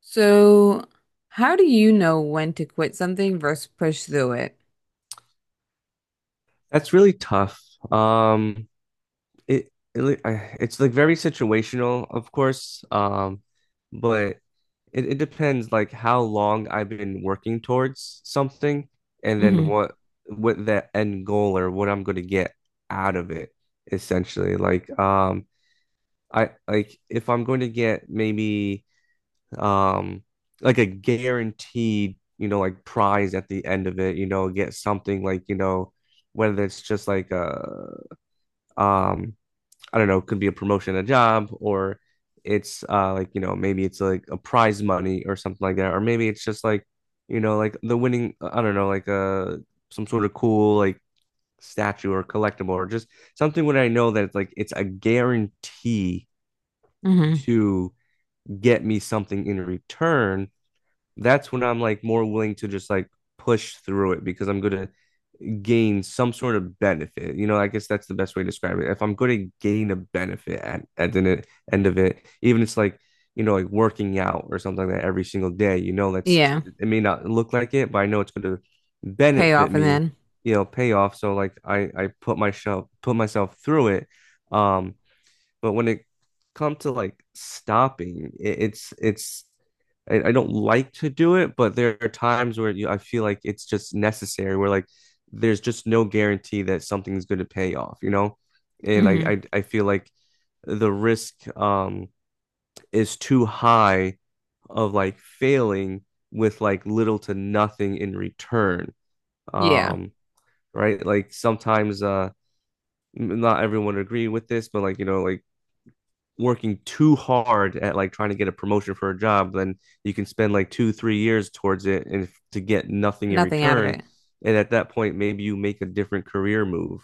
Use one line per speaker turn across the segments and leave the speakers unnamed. So, how do you know when to quit something versus push through it?
That's really tough. Um, it's like very situational, of course. But it depends, like how long I've been working towards something, and then
Hmm.
what that end goal or what I'm going to get out of it essentially. Like I, like, if I'm going to get maybe um like a guaranteed, you know, like prize at the end of it, you know, get something like, you know, whether it's just like a um I don't know, could be a promotion, a job, or it's like, you know, maybe it's like a prize money or something like that, or maybe it's just like, you know, like the winning, I don't know, like some sort of cool, like, statue or collectible, or just something where I know that it's like it's a guarantee
Hmm.
to get me something in return. That's when I'm like more willing to just like push through it because I'm gonna gain some sort of benefit. You know, I guess that's the best way to describe it. If I'm going to gain a benefit at the end of it, even it's like, you know, like working out or something like that every single day, you know, that's,
Yeah.
it may not look like it, but I know it's going to
Pay
benefit
off and
me,
then.
you know, pay off. So like I put myself, put myself through it. Um but when it comes to like stopping, it's I don't like to do it, but there are times where you, I feel like it's just necessary. Where like there's just no guarantee that something's going to pay off, you know? And like
Hmm.
I feel like the risk is too high of like failing with like little to nothing in return.
Yeah.
Um, right? Like sometimes not everyone agree with this, but like you know, like working too hard at like trying to get a promotion for a job, then you can spend like two, 3 years towards it and to get nothing in
Nothing out of
return.
it.
And at that point, maybe you make a different career move.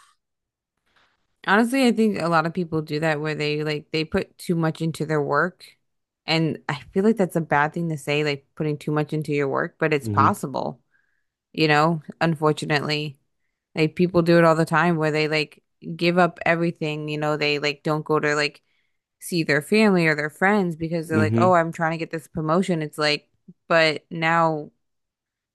Honestly, I think a lot of people do that where they like they put too much into their work. And I feel like that's a bad thing to say, like putting too much into your work, but it's
Hmm.
possible, you know, unfortunately. Like people do it all the time where they like give up everything, you know, they like don't go to like see their family or their friends because they're like,
Hmm.
oh, I'm trying to get this promotion. It's like, but now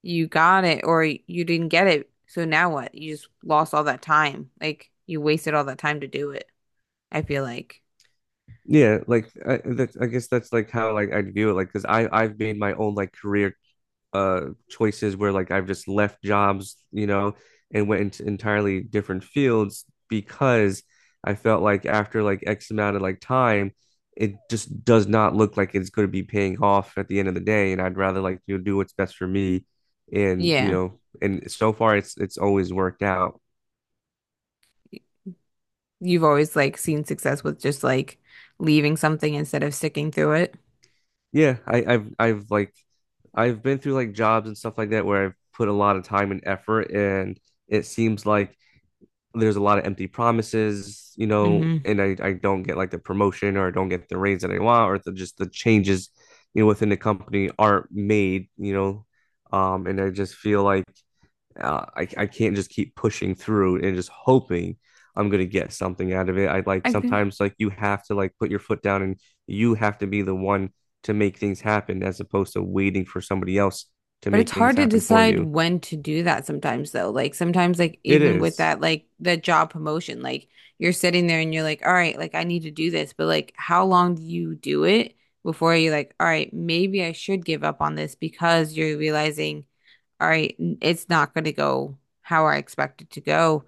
you got it or you didn't get it. So now what? You just lost all that time. Like you wasted all that time to do it. I feel like,
Yeah, like I, that's, I guess that's like how like I view it. Like, because I've made my own like career uh choices where like I've just left jobs, you know, and went into entirely different fields because I felt like after like X amount of like time, it just does not look like it's going to be paying off at the end of the day, and I'd rather like you know do what's best for me, and you
yeah,
know, and so far it's always worked out.
you've always like seen success with just like leaving something instead of sticking through it.
Yeah, I, I've like I've been through like jobs and stuff like that where I've put a lot of time and effort, and it seems like there's a lot of empty promises, you know,
Mm-hmm.
and I don't get like the promotion or I don't get the raise that I want or the, just the changes, you know, within the company aren't made, you know, and I just feel like I can't just keep pushing through and just hoping I'm going to get something out of it. I like
I feel,
sometimes like you have to like put your foot down and you have to be the one to make things happen as opposed to waiting for somebody else to
but it's
make things
hard to
happen for
decide
you.
when to do that sometimes though. Like sometimes like
It
even with
is.
that like the job promotion, like you're sitting there and you're like, all right, like I need to do this, but like how long do you do it before you're like, all right, maybe I should give up on this because you're realizing, all right, it's not going to go how I expect it to go.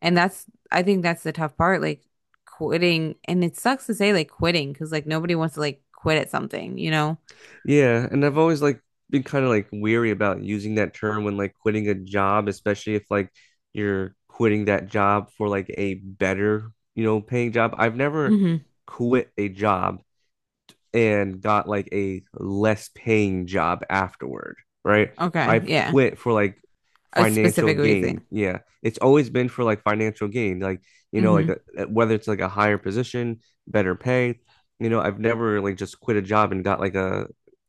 And that's I think that's the tough part, like quitting. And it sucks to say like quitting because like nobody wants to like quit at something, you know?
Yeah, and I've always like been kind of like weary about using that term when like quitting a job, especially if like you're quitting that job for like a better, you know, paying job. I've never
Hmm.
quit a job and got like a less paying job afterward, right?
Okay,
I've
yeah.
quit for like
A
financial
specific
gain.
reason.
Yeah, it's always been for like financial gain, like you know,
Hmm.
like a, whether it's like a higher position, better pay. You know, I've never like just quit a job and got like a,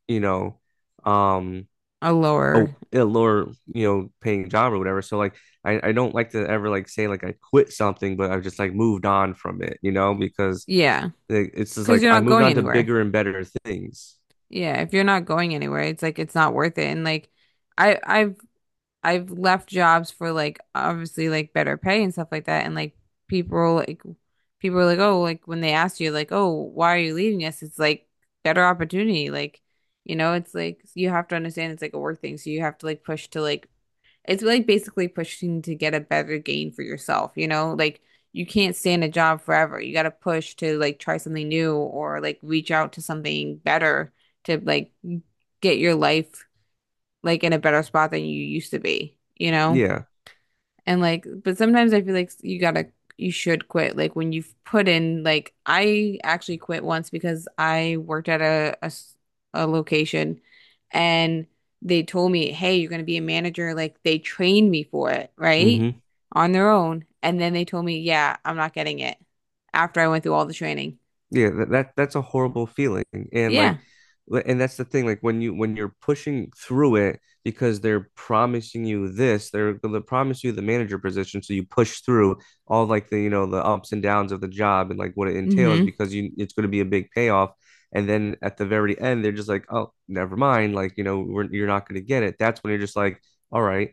you know, um,
A lower.
oh, a lower, you know, paying job or whatever, so like I don't like to ever like say like I quit something, but I've just like moved on from it, you know, because
Yeah.
like it's just
Because
like
you're
I
not
moved
going
on to
anywhere.
bigger and better things.
Yeah. If you're not going anywhere, it's like it's not worth it. And like I've I've left jobs for like obviously like better pay and stuff like that. And like people are like, oh, like when they ask you like, oh, why are you leaving us? It's like better opportunity. Like, you know, it's like you have to understand it's like a work thing. So you have to like push to like it's like basically pushing to get a better gain for yourself, you know? Like you can't stay in a job forever. You got to push to like try something new or like reach out to something better to like get your life like in a better spot than you used to be, you know?
Yeah.
And like, but sometimes I feel like you gotta, you should quit. Like when you've put in, like I actually quit once because I worked at a, a location and they told me, hey, you're gonna be a manager. Like they trained me for it, right?
Hmm.
On their own. And then they told me, yeah, I'm not getting it after I went through all the training.
Yeah, that's a horrible feeling. And like
Yeah.
and that's the thing, like when you when you're pushing through it because they're promising you this, they're gonna promise you the manager position. So you push through all like the you know the ups and downs of the job and like what it entails
Mm-hmm.
because you it's gonna be a big payoff. And then at the very end, they're just like, oh, never mind. Like, you know, we're, you're not gonna get it. That's when you're just like, all right,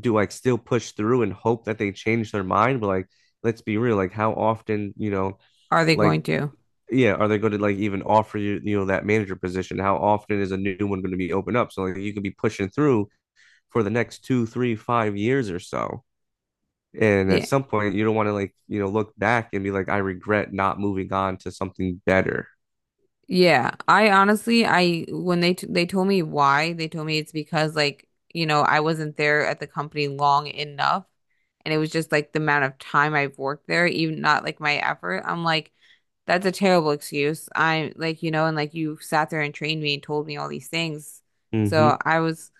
do I still push through and hope that they change their mind? But like, let's be real, like how often, you know,
Are they going
like
to?
yeah, are they going to like even offer you, you know, that manager position? How often is a new one going to be opened up? So like you could be pushing through for the next two, three, 5 years or so. And at
Yeah.
some point, you don't want to like, you know, look back and be like, I regret not moving on to something better.
Yeah, I honestly, I when they told me why, they told me it's because like, you know, I wasn't there at the company long enough and it was just like the amount of time I've worked there, even not like my effort. I'm like, that's a terrible excuse. I'm like, you know, and like you sat there and trained me and told me all these things.
Mm-hmm.
So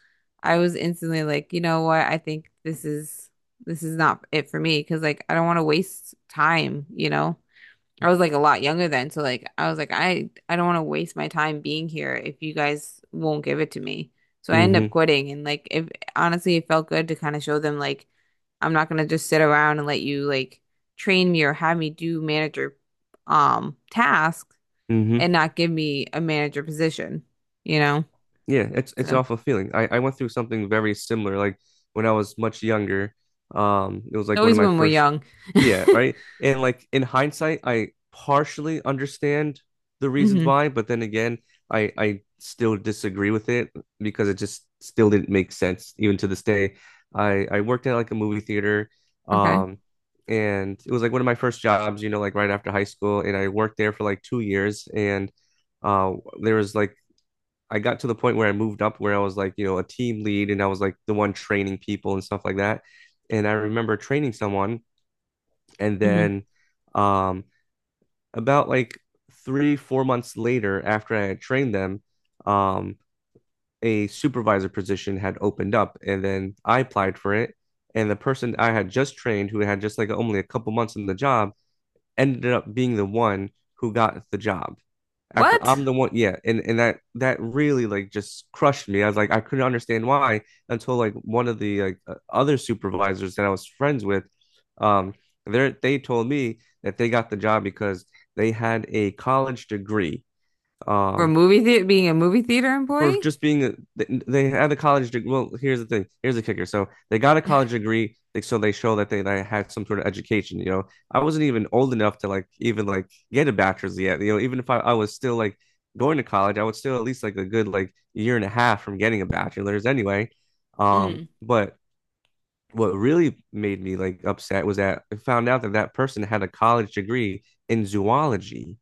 I was instantly like, you know what? I think this is not it for me because like I don't want to waste time, you know? I was like a lot younger then, so like I was like I don't want to waste my time being here if you guys won't give it to me. So I ended up
Mm-hmm.
quitting and like if honestly it felt good to kind of show them like I'm not gonna just sit around and let you like train me or have me do manager tasks and
Mm-hmm.
not give me a manager position, you know?
Yeah,
So
it's an
it's
awful feeling. I went through something very similar, like when I was much younger. It was like one of
always
my
when we're
first,
young.
yeah, right. And like in hindsight, I partially understand the reasons
Hmm.
why, but then again, I still disagree with it because it just still didn't make sense even to this day. I worked at like a movie theater,
Okay.
um, and it was like one of my first jobs, you know, like right after high school, and I worked there for like 2 years, and uh, there was like I got to the point where I moved up where I was like, you know, a team lead and I was like the one training people and stuff like that. And I remember training someone and
Hmm.
then um about like three, 4 months later after I had trained them, um, a supervisor position had opened up and then I applied for it. And the person I had just trained who had just like only a couple months in the job ended up being the one who got the job after
What?
I'm the one, yeah, and that that really like just crushed me. I was like, I couldn't understand why until like one of the like other supervisors that I was friends with, um, they told me that they got the job because they had a college degree,
For
um,
movie theater being a movie theater
for
employee?
just being a, they, had a college degree. Well, here's the thing. Here's the kicker. So they got a college degree, so they show that they had some sort of education. You know, I wasn't even old enough to like even like get a bachelor's yet. You know, even if I, I was still like going to college, I would still at least like a good like year and a half from getting a bachelor's anyway.
Mm.
But what really made me like upset was that I found out that that person had a college degree in zoology,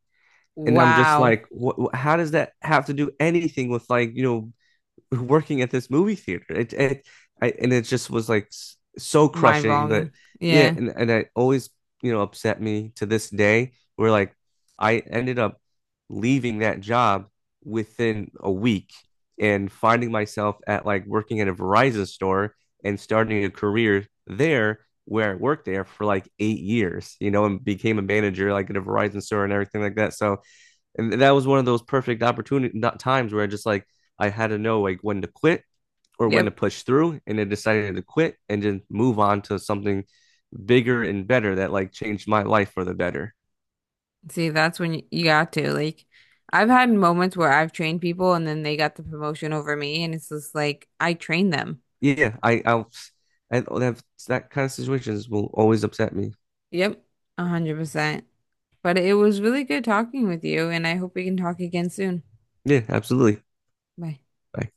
and I'm just
Wow.
like, what, how does that have to do anything with like you know working at this movie theater. It I, and it just was like so crushing, but
Mind-boggling.
yeah,
Yeah.
and it always you know upset me to this day. Where like I ended up leaving that job within a week and finding myself at like working at a Verizon store and starting a career there where I worked there for like 8 years, you know, and became a manager like at a Verizon store and everything like that. So and that was one of those perfect opportunity not times where I just like I had to know like when to quit or when to
Yep.
push through, and I decided to quit and just move on to something bigger and better that like changed my life for the better.
See, that's when you got to like I've had moments where I've trained people and then they got the promotion over me and it's just like I trained them.
Yeah, I that that kind of situations will always upset me.
Yep. 100%. But it was really good talking with you and I hope we can talk again soon.
Yeah, absolutely.
Bye.
I